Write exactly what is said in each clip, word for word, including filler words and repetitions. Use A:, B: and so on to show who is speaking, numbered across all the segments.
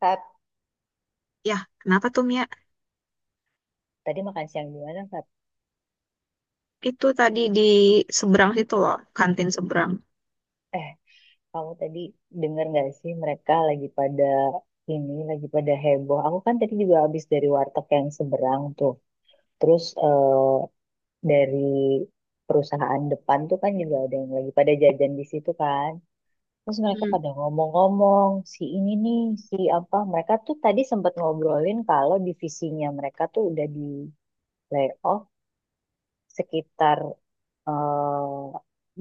A: Fab,
B: Ya, kenapa tuh Mia?
A: tadi makan siang di mana, Fab?
B: Itu tadi di seberang situ loh, kantin seberang.
A: Eh, kamu tadi denger nggak sih mereka lagi pada ini, lagi pada heboh. Aku kan tadi juga habis dari warteg yang seberang tuh. Terus eh, dari perusahaan depan tuh kan juga ada yang lagi pada jajan di situ kan. Terus mereka
B: Mm.
A: pada ngomong-ngomong, si ini nih, si apa. Mereka tuh tadi sempat ngobrolin kalau divisinya mereka tuh udah di layoff sekitar eh,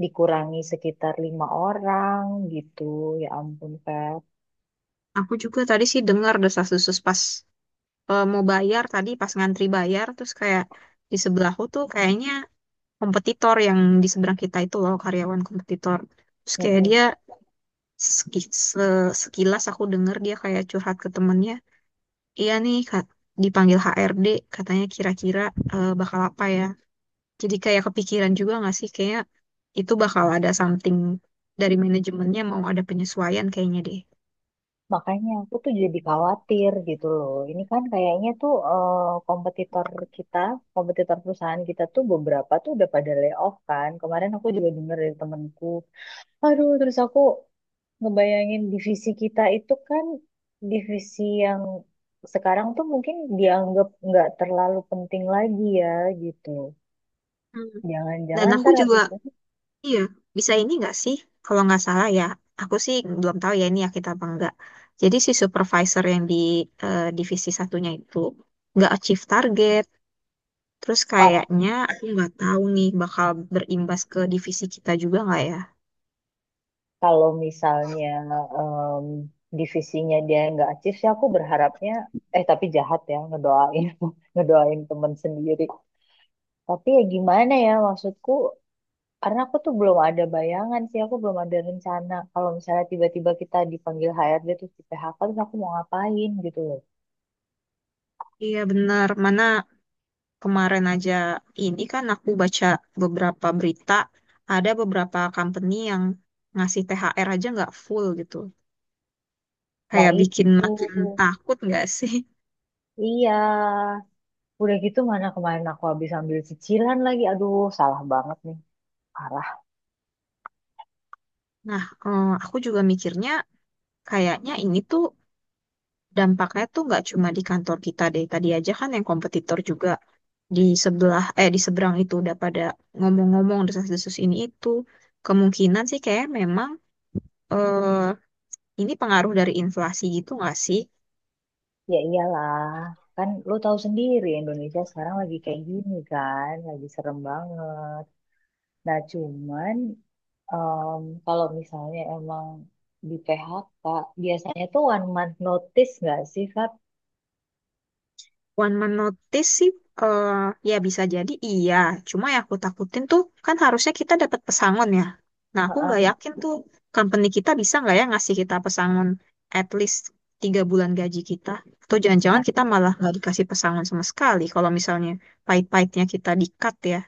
A: dikurangi sekitar lima orang gitu. Ya ampun, Feb.
B: Aku juga tadi sih dengar desas-desus pas eh, mau bayar tadi pas ngantri bayar terus kayak di sebelahku tuh kayaknya kompetitor yang di seberang kita itu loh karyawan kompetitor. Terus kayak
A: Mm-mm.
B: dia seki- se- sekilas aku dengar dia kayak curhat ke temennya. Iya nih Kak, dipanggil H R D katanya kira-kira eh, bakal apa ya. Jadi kayak kepikiran juga nggak sih kayak itu bakal ada something dari manajemennya mau ada penyesuaian kayaknya deh.
A: Makanya aku tuh jadi khawatir gitu loh. Ini kan kayaknya tuh eh, kompetitor kita, kompetitor perusahaan kita tuh beberapa tuh udah pada layoff kan. Kemarin aku juga denger dari temenku. Aduh, terus aku ngebayangin divisi kita itu kan divisi yang sekarang tuh mungkin dianggap nggak terlalu penting lagi ya gitu.
B: Hmm. Dan
A: Jangan-jangan
B: aku
A: ntar
B: juga,
A: habis ini,
B: iya, bisa ini nggak sih, kalau nggak salah ya, aku sih belum tahu ya ini ya kita apa enggak. Jadi si supervisor yang di eh, divisi satunya itu nggak achieve target. Terus kayaknya aku nggak tahu nih bakal berimbas ke divisi kita juga nggak ya?
A: kalau misalnya em, divisinya dia nggak achieve sih aku berharapnya, eh, tapi jahat ya ngedoain ngedoain temen sendiri, tapi ya gimana ya maksudku, karena aku tuh belum ada bayangan sih, aku belum ada rencana kalau misalnya tiba-tiba kita dipanggil H R D terus di P H K terus aku mau ngapain gitu loh.
B: Iya benar. Mana kemarin aja ini kan aku baca beberapa berita, ada beberapa company yang ngasih T H R aja nggak full gitu.
A: Nah
B: Kayak
A: itu,
B: bikin makin takut nggak sih?
A: iya, udah gitu mana kemarin aku habis ambil cicilan lagi, aduh, salah banget nih, parah.
B: Nah, eh, aku juga mikirnya kayaknya ini tuh dampaknya tuh nggak cuma di kantor kita deh. Tadi aja kan yang kompetitor juga di sebelah, eh di seberang itu udah pada ngomong-ngomong desas-desus ini itu. Kemungkinan sih kayak memang eh, ini pengaruh dari inflasi gitu nggak sih?
A: Ya iyalah, kan lo tahu sendiri Indonesia sekarang lagi kayak gini kan, lagi serem banget. Nah cuman em, kalau misalnya emang di P H K, biasanya tuh one month notice nggak sih, Fat?
B: One man notice sih, eh, ya bisa jadi iya. Cuma yang aku takutin tuh, kan harusnya kita dapat pesangon ya. Nah, aku nggak
A: Heeh.
B: yakin tuh, company kita bisa nggak ya ngasih kita pesangon at least tiga bulan gaji kita. Atau
A: Nah,
B: jangan-jangan kita malah nggak dikasih pesangon sama sekali kalau misalnya pahit-pahitnya kita di-cut ya.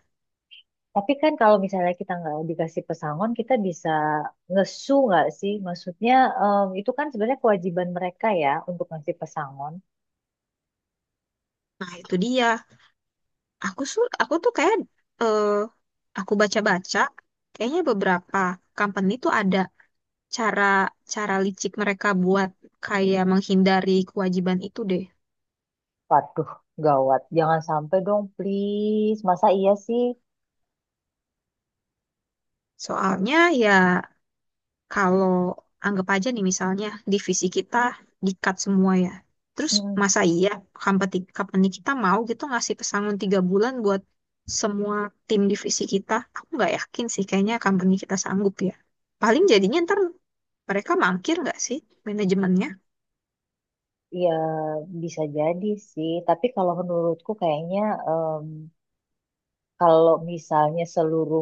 A: tapi kan kalau misalnya kita nggak dikasih pesangon, kita bisa ngesu nggak sih? Maksudnya em, itu kan sebenarnya kewajiban mereka ya untuk ngasih pesangon.
B: Nah, itu dia. Aku su- aku tuh kayak, eh, aku baca-baca, kayaknya beberapa company tuh ada cara cara licik mereka buat kayak menghindari kewajiban itu deh.
A: Waduh, gawat. Jangan sampai dong, please. Masa iya sih?
B: Soalnya ya kalau anggap aja nih misalnya divisi kita di-cut semua ya. Terus masa iya company, company kita mau gitu ngasih pesangon tiga bulan buat semua tim divisi kita? Aku nggak yakin sih kayaknya company kita sanggup ya. Paling jadinya ntar mereka mangkir nggak sih manajemennya?
A: Ya, bisa jadi sih. Tapi kalau menurutku kayaknya em, kalau misalnya seluruh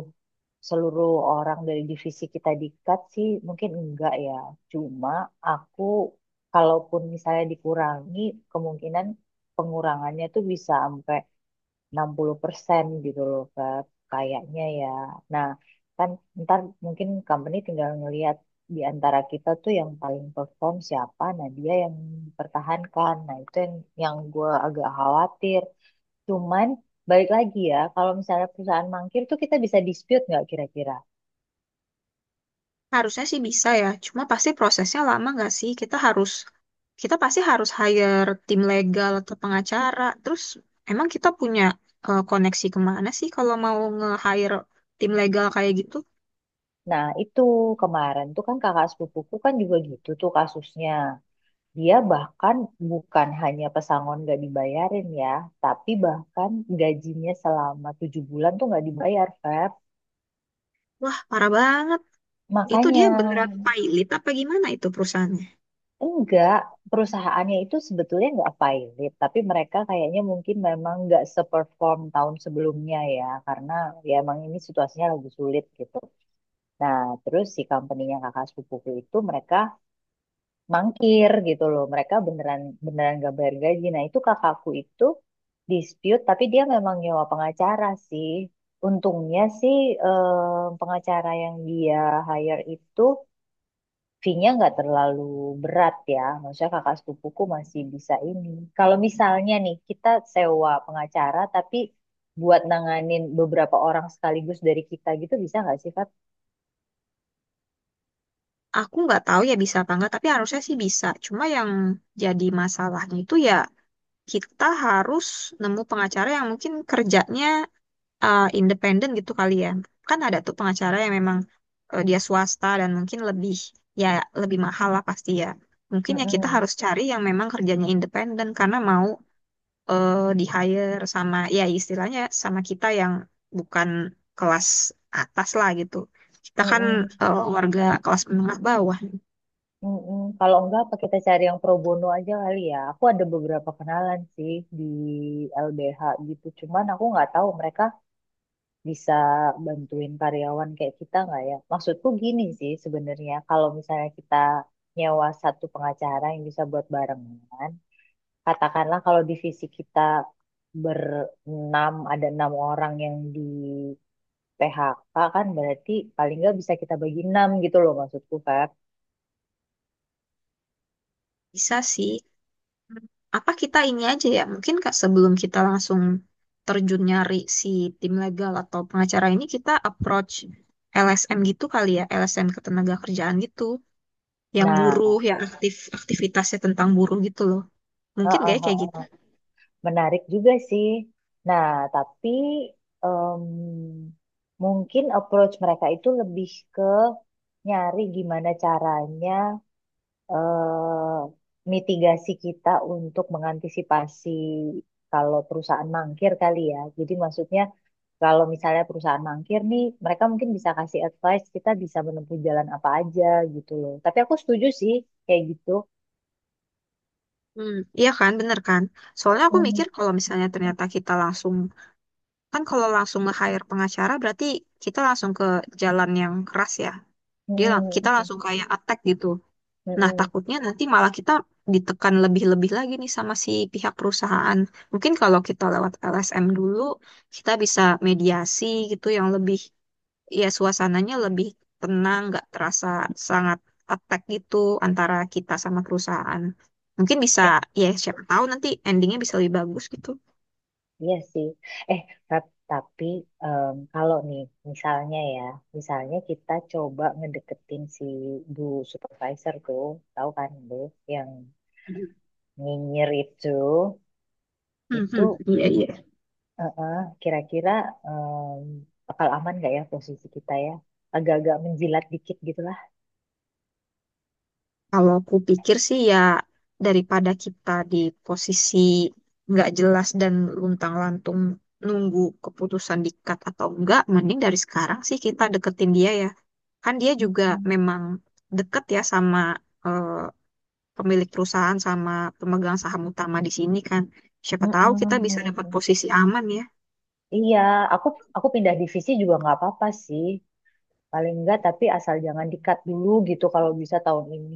A: seluruh orang dari divisi kita di-cut sih mungkin enggak ya. Cuma aku kalaupun misalnya dikurangi, kemungkinan pengurangannya tuh bisa sampai enam puluh persen gitu loh Kak. Kayaknya ya. Nah, kan ntar mungkin company tinggal ngelihat di antara kita tuh yang paling perform siapa, nah dia yang dipertahankan. Nah, itu yang yang gue agak khawatir. Cuman balik lagi ya, kalau misalnya perusahaan mangkir tuh kita bisa dispute nggak kira-kira?
B: Harusnya sih bisa ya, cuma pasti prosesnya lama nggak sih? Kita harus, kita pasti harus hire tim legal atau pengacara. Terus emang kita punya eh, koneksi kemana sih kalau mau nge-hire tim legal kayak gitu?
A: Nah, itu kemarin tuh kan kakak sepupuku kan juga gitu tuh kasusnya. Dia bahkan bukan hanya pesangon nggak dibayarin ya, tapi bahkan gajinya selama tujuh bulan tuh nggak dibayar, Feb.
B: Wah, parah banget. Itu
A: Makanya
B: dia beneran pilot apa gimana itu perusahaannya?
A: enggak, perusahaannya itu sebetulnya nggak pilot, tapi mereka kayaknya mungkin memang nggak seperform tahun sebelumnya ya, karena ya emang ini situasinya lagi sulit gitu. Nah, terus si company-nya kakak sepupuku itu mereka mangkir gitu loh. Mereka beneran, beneran gak bayar gaji. Nah, itu kakakku itu dispute tapi dia memang nyewa pengacara sih. Untungnya sih eh, pengacara yang dia hire itu fee-nya nggak terlalu berat ya. Maksudnya kakak sepupuku masih bisa ini. Kalau misalnya nih kita sewa pengacara tapi buat nanganin beberapa orang sekaligus dari kita gitu bisa nggak sih, Fat?
B: Aku nggak tahu ya bisa apa nggak, tapi harusnya sih bisa. Cuma yang jadi masalahnya itu ya kita harus nemu pengacara yang mungkin kerjanya eh, independen gitu kali ya. Kan ada tuh pengacara yang memang eh, dia swasta dan mungkin lebih, ya, lebih mahal lah pasti ya. Mungkin ya kita
A: Mm-mm.
B: harus cari yang memang kerjanya independen karena mau eh, di hire sama, ya istilahnya sama kita yang bukan kelas atas lah gitu. Kita kan
A: Mm-mm.
B: eh, warga kelas menengah bawah.
A: Mm-mm. Kalau enggak, apa kita cari yang pro bono aja kali ya. Aku ada beberapa kenalan sih di L B H gitu. Cuman aku nggak tahu mereka bisa bantuin karyawan kayak kita nggak ya. Maksudku gini sih sebenarnya. Kalau misalnya kita nyewa satu pengacara yang bisa buat barengan, katakanlah kalau divisi kita berenam, ada enam orang yang di P H K kan berarti paling nggak bisa kita bagi enam gitu loh maksudku Feb.
B: Bisa sih. Apa kita ini aja ya, mungkin Kak, sebelum kita langsung terjun nyari si tim legal atau pengacara ini, kita approach L S M gitu kali ya, L S M ketenaga kerjaan gitu, yang
A: Nah,
B: buruh, yang aktif aktivitasnya tentang buruh gitu loh. Mungkin
A: heeh.
B: kayak kayak gitu.
A: Heeh. Menarik juga sih. Nah, tapi em, mungkin approach mereka itu lebih ke nyari gimana caranya eh, mitigasi kita untuk mengantisipasi kalau perusahaan mangkir kali ya. Jadi maksudnya kalau misalnya perusahaan mangkir nih, mereka mungkin bisa kasih advice kita bisa menempuh jalan apa aja gitu loh. Tapi aku setuju sih kayak gitu.
B: Hmm, iya kan, bener kan? Soalnya aku
A: Mm,
B: mikir kalau misalnya ternyata kita langsung, kan kalau langsung nge-hire pengacara berarti kita langsung ke jalan yang keras ya. Dia lang-
A: mm,
B: kita
A: mm,
B: langsung kayak attack gitu. Nah,
A: mm,
B: takutnya nanti malah kita ditekan lebih-lebih lagi nih sama si pihak perusahaan. Mungkin kalau kita lewat L S M dulu, kita bisa mediasi gitu yang lebih, ya, suasananya lebih tenang, nggak terasa sangat attack gitu antara kita sama perusahaan. Mungkin bisa,
A: mm.
B: ya siapa tahu nanti endingnya bisa lebih bagus gitu.
A: Iya sih. Eh, ta- tapi em, kalau nih, misalnya ya, misalnya kita coba ngedeketin si Bu Supervisor tuh, tahu kan Bu, yang
B: Hmm.
A: nyinyir itu,
B: Hmm.
A: itu
B: Iya, iya.
A: eh, eh, kira-kira em, bakal aman nggak ya posisi kita ya? Agak-agak menjilat dikit gitu lah.
B: Kalau aku pikir sih ya daripada kita di posisi nggak jelas dan luntang-lantung nunggu keputusan dikat atau enggak, mending dari sekarang sih kita deketin dia ya. Kan dia juga
A: Hmm.
B: memang deket ya sama eh, pemilik perusahaan sama pemegang saham utama di sini kan. Siapa tahu kita bisa dapat
A: Mm-mm.
B: posisi aman ya.
A: Iya, aku aku pindah divisi juga nggak apa-apa sih. Paling nggak tapi asal jangan dikat dulu gitu kalau bisa tahun ini.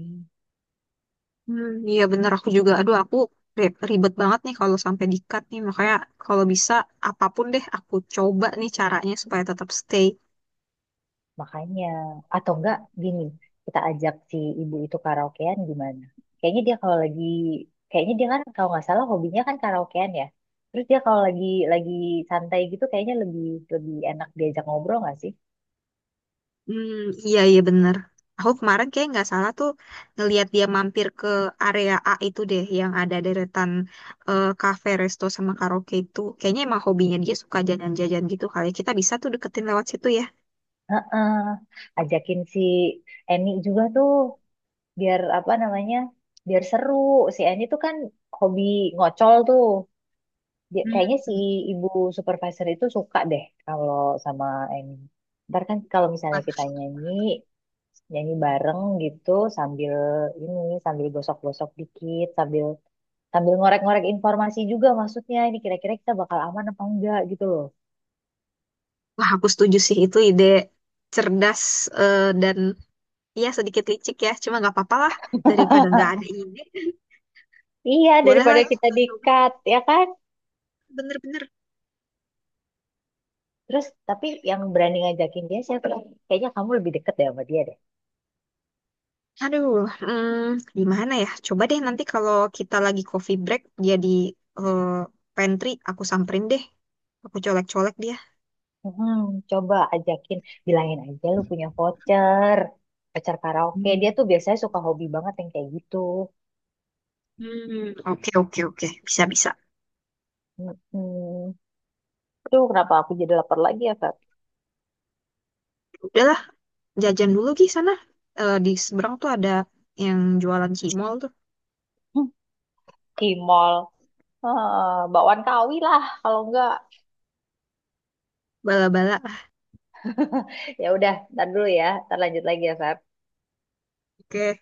B: Hmm, iya bener aku juga. Aduh aku ri- ribet banget nih kalau sampai di-cut nih. Makanya kalau bisa apapun deh aku coba nih caranya supaya tetap stay.
A: Makanya, atau enggak gini, kita ajak si ibu itu karaokean gimana? Kayaknya dia kalau lagi, kayaknya dia kan kalau nggak salah hobinya kan karaokean ya. Terus dia kalau lagi lagi santai gitu kayaknya lebih lebih enak diajak ngobrol nggak sih?
B: Hmm, iya iya bener. Aku kemarin kayak nggak salah tuh ngelihat dia mampir ke area A itu deh yang ada deretan eh, cafe, resto sama karaoke itu. Kayaknya emang hobinya dia suka jajan-jajan gitu kali ya. Kita bisa tuh deketin lewat situ ya.
A: eh Ajakin si Eni juga tuh biar apa namanya? Biar seru. Si Eni tuh kan hobi ngocol tuh. Dia- kayaknya si
B: Hmm.
A: ibu supervisor itu suka deh kalau sama Eni. Ntar kan kalau misalnya kita nyanyi, nyanyi bareng gitu sambil ini sambil gosok-gosok dikit sambil sambil ngorek-ngorek informasi juga, maksudnya ini kira-kira kita bakal aman apa enggak gitu loh.
B: Wah, aku setuju sih itu ide cerdas, eh, dan iya sedikit licik ya, cuma nggak apa-apa lah daripada nggak ada ide.
A: Iya,
B: Boleh lah
A: daripada kita
B: kita coba
A: di-cut, ya kan?
B: bener-bener.
A: Terus tapi yang berani ngajakin dia siapa, kayaknya kamu lebih deket deh sama dia deh.
B: Aduh, hmm, gimana ya? Coba deh nanti kalau kita lagi coffee break, jadi eh, pantry, aku samperin deh. Aku colek-colek dia.
A: Hmm, coba ajakin, bilangin aja lu punya voucher voucher karaoke dia tuh
B: Hmm.
A: biasanya suka hobi banget yang kayak gitu.
B: Hmm, oke oke oke, bisa bisa.
A: Hmm, tuh kenapa aku jadi lapar lagi ya, Feb?
B: Udahlah, jajan dulu Gi sana. Eh, di seberang tuh ada yang jualan cimol tuh,
A: Hmm, di mall. Eh, bakwan kawi lah kalau enggak
B: bala-bala.
A: ya udah ntar dulu ya ntar lanjut lagi ya Feb.
B: Oke.